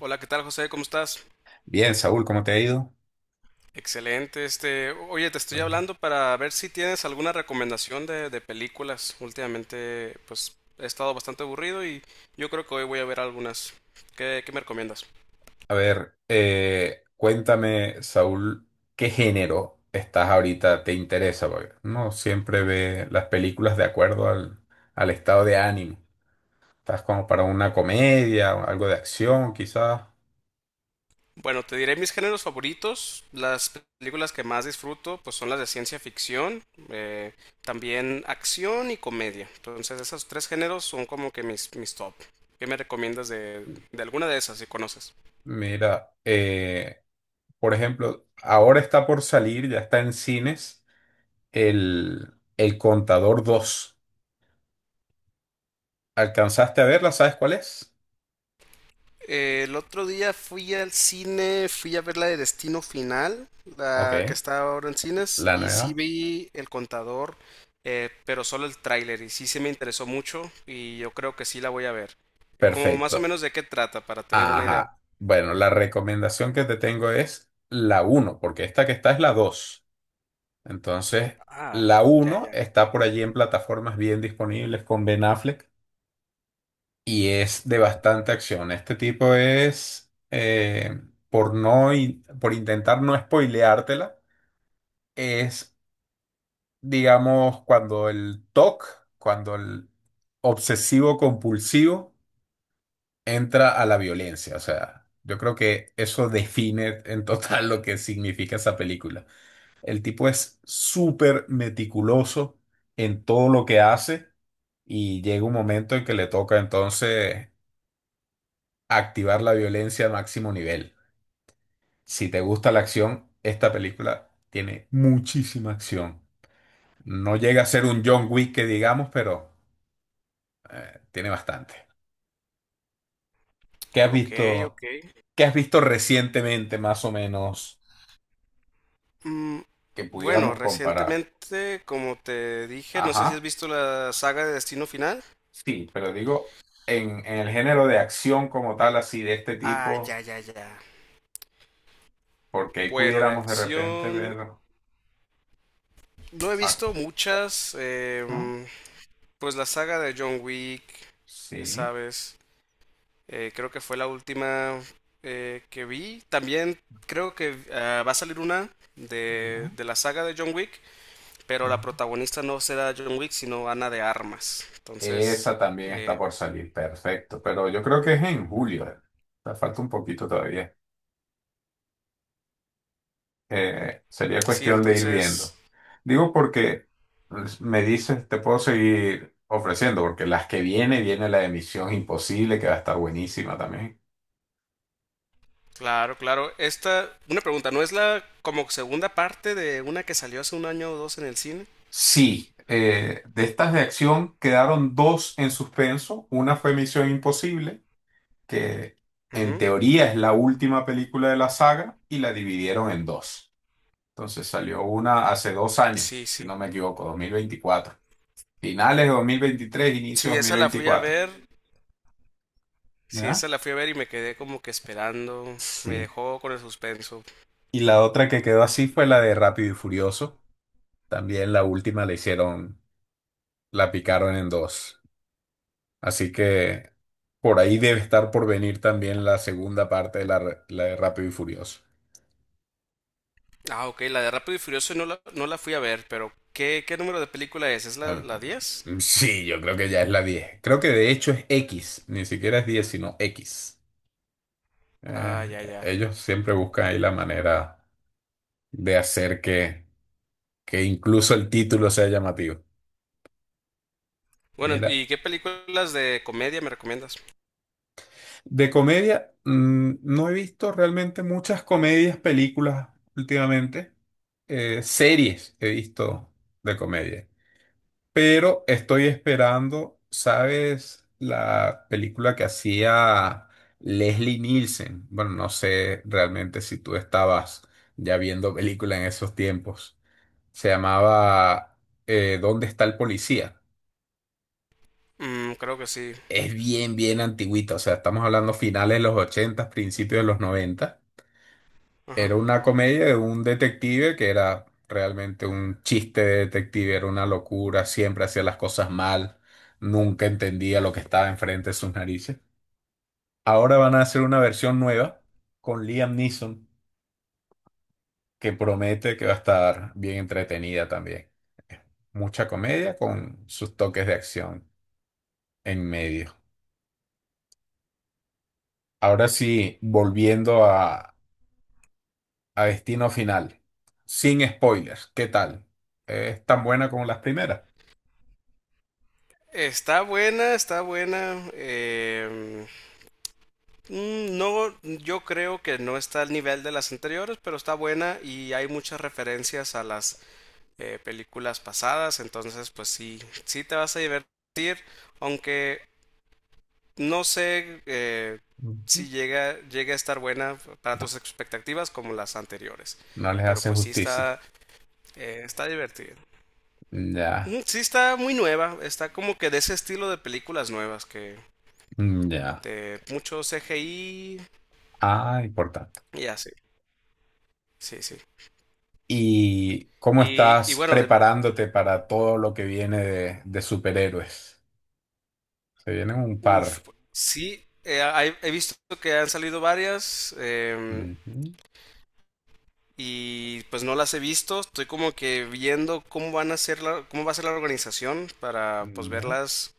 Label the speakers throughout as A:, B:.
A: Hola, ¿qué tal, José? ¿Cómo estás?
B: Bien, Saúl, ¿cómo te ha ido?
A: Excelente. Este, oye, te
B: Qué
A: estoy
B: bueno.
A: hablando para ver si tienes alguna recomendación de películas. Últimamente, pues he estado bastante aburrido, y yo creo que hoy voy a ver algunas. ¿Qué me recomiendas?
B: A ver, cuéntame, Saúl, ¿qué género estás ahorita? ¿Te interesa? Porque no siempre ve las películas de acuerdo al estado de ánimo. ¿Estás como para una comedia, o algo de acción, quizás?
A: Bueno, te diré mis géneros favoritos. Las películas que más disfruto, pues son las de ciencia ficción, eh, también acción y comedia. Entonces, esos tres géneros son como que mis, mis top. ¿Qué me recomiendas de alguna de esas, si conoces?
B: Mira, por ejemplo, ahora está por salir, ya está en cines, El Contador 2. ¿Alcanzaste a verla? ¿Sabes cuál es?
A: El otro día fui al cine, fui a ver la de Destino Final,
B: Ok,
A: la que está ahora en cines,
B: la
A: y sí
B: nueva.
A: vi El Contador, pero solo el tráiler, y sí se me interesó mucho, y yo creo que sí la voy a ver. Como más o
B: Perfecto.
A: menos de qué trata, para tener una idea.
B: Ajá. Bueno, la recomendación que te tengo es la uno, porque esta que está es la 2. Entonces,
A: Ah,
B: la
A: ya,
B: uno
A: ya.
B: está por allí en plataformas bien disponibles con Ben Affleck y es de bastante acción. Este tipo es, por intentar no spoileártela, es, digamos, cuando el TOC, cuando el obsesivo compulsivo entra a la violencia. O sea, yo creo que eso define en total lo que significa esa película. El tipo es súper meticuloso en todo lo que hace y llega un momento en que le toca entonces activar la violencia a máximo nivel. Si te gusta la acción, esta película tiene muchísima acción. No llega a ser un John Wick que digamos, pero tiene bastante. ¿Qué has
A: Ok,
B: visto?
A: ok.
B: ¿Qué has visto recientemente, más o menos?
A: Mm,
B: Que
A: bueno,
B: pudiéramos comparar.
A: recientemente, como te dije, no sé si has
B: Ajá,
A: visto la saga de Destino Final.
B: sí, pero digo, en el género de acción como tal, así de este
A: Ah,
B: tipo,
A: ya, ya, ya.
B: porque ahí
A: Bueno, de
B: pudiéramos de repente
A: acción.
B: ver,
A: No he
B: ah,
A: visto muchas.
B: ¿no?
A: Pues la saga de John Wick, ya
B: Sí,
A: sabes. Creo que fue la última que vi. También creo que va a salir una de,
B: ¿no?
A: de la saga de John Wick, pero la
B: Ujú.
A: protagonista no será John Wick, sino Ana de Armas. Entonces,
B: Esa también está
A: eh,
B: por salir, perfecto, pero yo creo que es en julio. O sea, falta un poquito todavía. Sería
A: sí,
B: cuestión de ir
A: entonces,
B: viendo. Digo porque pues, me dices, te puedo seguir ofreciendo, porque las que viene la de Misión Imposible, que va a estar buenísima también.
A: claro, claro. Esta, una pregunta, ¿no es la como segunda parte de una que salió hace un año o dos en el cine?
B: Sí, de estas de acción quedaron dos en suspenso. Una fue Misión Imposible, que en
A: Ujú.
B: teoría es la última película de la saga, y la dividieron en dos. Entonces salió una hace 2 años,
A: Sí,
B: si
A: sí.
B: no me equivoco, 2024. Finales de 2023, inicio de
A: Sí,
B: dos mil
A: esa la fui a
B: veinticuatro,
A: ver. Sí,
B: ¿Ya?
A: esa la fui a ver y me quedé como que esperando. Me
B: Sí.
A: dejó con el suspenso.
B: Y la otra que quedó así fue la de Rápido y Furioso. También la última la hicieron, la picaron en dos. Así que por ahí debe estar por venir también la segunda parte de la, la de Rápido y Furioso.
A: Ah, ok, la de Rápido y Furioso no la fui a ver, pero ¿qué número de película es? ¿Es
B: Ah,
A: la, la diez?
B: sí, yo creo que ya es la 10. Creo que de hecho es X, ni siquiera es 10, sino X.
A: Ah, ya, ya.
B: Ellos siempre buscan ahí la manera de hacer que incluso el título sea llamativo.
A: Bueno,
B: Mira,
A: ¿y qué películas de comedia me recomiendas?
B: de comedia, no he visto realmente muchas comedias, películas últimamente. Series he visto de comedia. Pero estoy esperando, ¿sabes? La película que hacía Leslie Nielsen. Bueno, no sé realmente si tú estabas ya viendo película en esos tiempos. Se llamaba ¿Dónde está el policía?
A: Mm, creo que sí.
B: Es bien, bien antigüita. O sea, estamos hablando finales de los 80, principios de los 90.
A: Ajá.
B: Era una comedia de un detective que era realmente un chiste de detective, era una locura, siempre hacía las cosas mal, nunca entendía lo que estaba enfrente de sus narices. Ahora van a hacer una versión nueva con Liam Neeson que promete que va a estar bien entretenida también. Mucha comedia con sus toques de acción en medio. Ahora sí, volviendo a Destino Final, sin spoilers, ¿qué tal? ¿Es tan buena como las primeras?
A: Está buena, está buena. No, yo creo que no está al nivel de las anteriores, pero está buena y hay muchas referencias a las películas pasadas. Entonces, pues sí, sí te vas a divertir, aunque no sé
B: Ujú.
A: si llega a estar buena para tus expectativas como las anteriores,
B: No les
A: pero
B: hace
A: pues sí
B: justicia.
A: está, está divertida.
B: Ya,
A: Ujú. Sí, está muy nueva, está como que de ese estilo de películas nuevas que
B: ya.
A: de mucho CGI
B: Ah, importante.
A: y así, sí, sí.
B: ¿Y cómo
A: Y
B: estás
A: bueno, de,
B: preparándote para todo lo que viene de superhéroes? Se vienen un par.
A: uf, sí, he visto que han salido varias,
B: Ujú,
A: y pues no las he visto. Estoy como que viendo cómo va a ser la organización para pues
B: ya.
A: verlas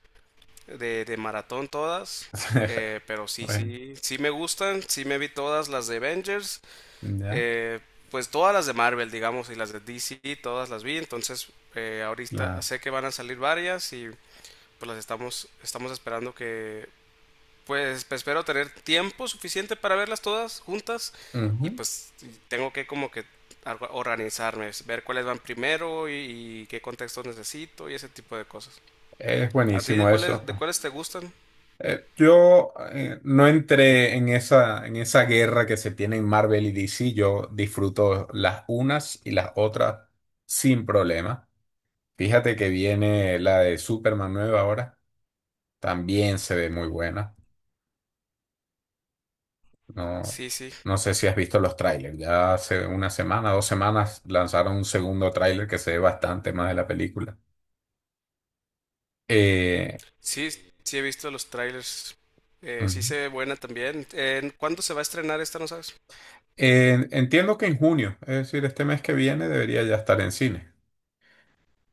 A: de maratón todas. Pero sí,
B: Bueno,
A: sí, sí me gustan, sí me vi todas las de Avengers,
B: ya,
A: eh, pues todas las de Marvel, digamos, y las de DC, todas las vi. Entonces, ahorita
B: claro.
A: sé que van a salir varias, y pues las estamos, estamos esperando que pues espero tener tiempo suficiente para verlas todas juntas. Y
B: Ujú.
A: pues tengo que como que organizarme, es ver cuáles van primero y qué contextos necesito y ese tipo de cosas.
B: Es
A: ¿A ti de
B: buenísimo
A: cuáles,
B: eso.
A: de cuáles te gustan?
B: Yo, no entré en esa guerra que se tiene en Marvel y DC. Yo disfruto las unas y las otras sin problema. Fíjate que viene la de Superman nueva ahora. También se ve muy buena. No,
A: Sí, sí.
B: no sé si has visto los trailers. Ya hace una semana, 2 semanas lanzaron un segundo tráiler que se ve bastante más de la película. Eh,
A: Sí, sí he visto los trailers. Sí
B: ujú.
A: se ve buena también. ¿Cuándo se va a estrenar esta, no sabes?
B: Entiendo que en junio, es decir, este mes que viene debería ya estar en cine.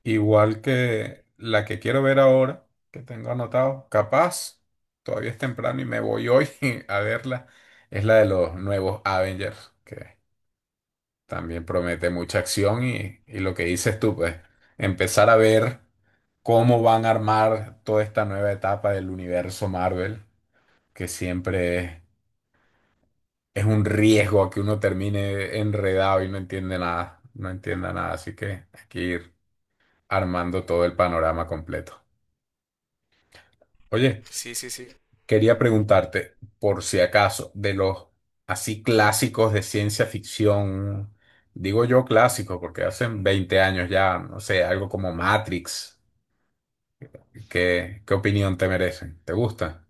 B: Igual que la que quiero ver ahora, que tengo anotado, capaz, todavía es temprano y me voy hoy a verla, es la de los nuevos Avengers, que también promete mucha acción y lo que dices tú, pues, empezar a ver cómo van a armar toda esta nueva etapa del universo Marvel, que siempre es un riesgo a que uno termine enredado y no entiende nada, no entienda nada, así que hay que ir armando todo el panorama completo. Oye.
A: Sí, sí, sí.
B: Quería preguntarte, por si acaso, de los así clásicos de ciencia ficción, digo yo clásicos porque hacen 20 años ya, no sé, algo como Matrix, ¿qué opinión te merecen? ¿Te gusta?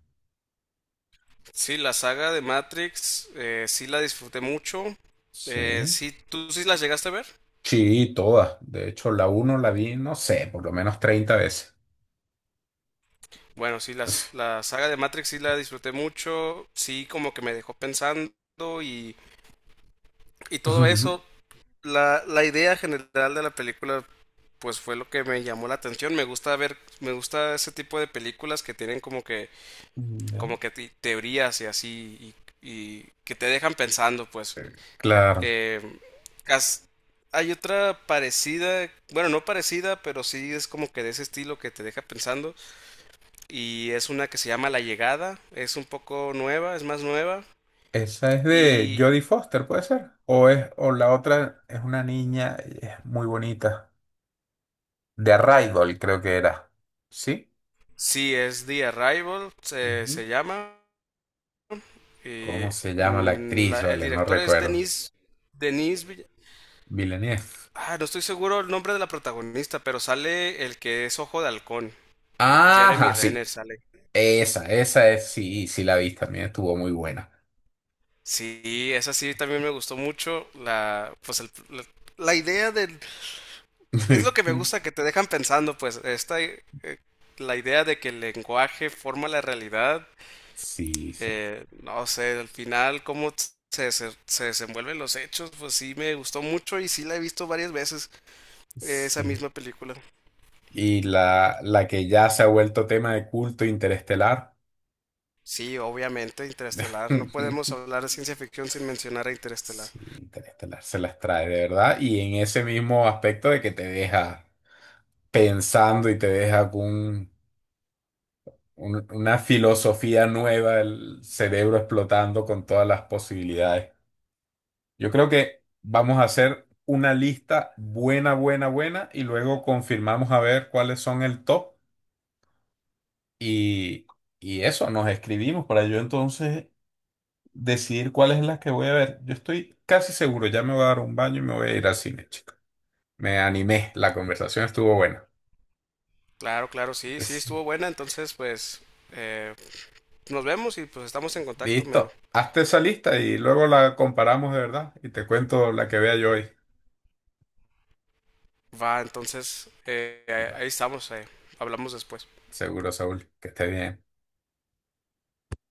A: Sí, la saga de Matrix, sí la disfruté mucho.
B: Sí.
A: Sí, ¿tú sí las llegaste a ver?
B: Sí, todas. De hecho, la uno la vi, no sé, por lo menos 30 veces.
A: Bueno, sí, las, la saga de Matrix sí la disfruté mucho, sí como que me dejó pensando y, y todo eso. La idea general de la película pues fue lo que me llamó la atención. Me gusta ver, me gusta ese tipo de películas que tienen
B: Ya.
A: como que teorías y así, y que te dejan pensando, pues.
B: Claro.
A: Eh, cas- Hay otra parecida, bueno, no parecida, pero sí es como que de ese estilo que te deja pensando, y es una que se llama La Llegada, es un poco nueva, es más nueva
B: Esa es de
A: y
B: Jodie Foster, ¿puede ser? O es, o la otra es una niña, es muy bonita. De Arrival, creo que era. ¿Sí?
A: sí, es The Arrival, se,
B: Ujú.
A: se llama. Y,
B: ¿Cómo se llama la
A: mm,
B: actriz?
A: el
B: Vale, no
A: director es
B: recuerdo.
A: Denis, Denis Vill-.
B: Villeneuve.
A: Ah, no estoy seguro el nombre de la protagonista, pero sale el que es Ojo de Halcón, Jeremy
B: Ajá, sí.
A: Renner sale.
B: Esa es, sí, sí la vi también, estuvo muy buena.
A: Sí, esa sí también me gustó mucho. Pues la, la idea del, es lo que me gusta, que te dejan pensando, pues esta, la idea de que el lenguaje forma la realidad.
B: Sí, sí,
A: No sé, al final cómo se desenvuelven los hechos, pues sí me gustó mucho y sí la he visto varias veces, esa
B: sí.
A: misma película.
B: Y la que ya se ha vuelto tema de culto interestelar.
A: Sí, obviamente, Interestelar. No podemos hablar de ciencia ficción sin mencionar a Interestelar.
B: Sí, Interestelar se las trae de verdad. Y en ese mismo aspecto de que te deja pensando y te deja con, una filosofía nueva, el cerebro explotando con todas las posibilidades. Yo creo que vamos a hacer una lista buena, buena, buena y luego confirmamos a ver cuáles son el top y, y eso, nos escribimos para yo entonces decidir cuáles es las que voy a ver. Yo estoy casi seguro, ya me voy a dar un baño y me voy a ir al cine, chico. Me animé, la conversación estuvo buena.
A: Claro, claro, sí, sí,
B: Sí.
A: estuvo buena. Entonces, pues, eh, nos vemos y pues estamos en contacto. Me
B: Listo, hazte esa lista y luego la comparamos de verdad y te cuento la que vea yo hoy.
A: va, entonces, ahí estamos. Hablamos después.
B: Seguro, Saúl, que esté bien.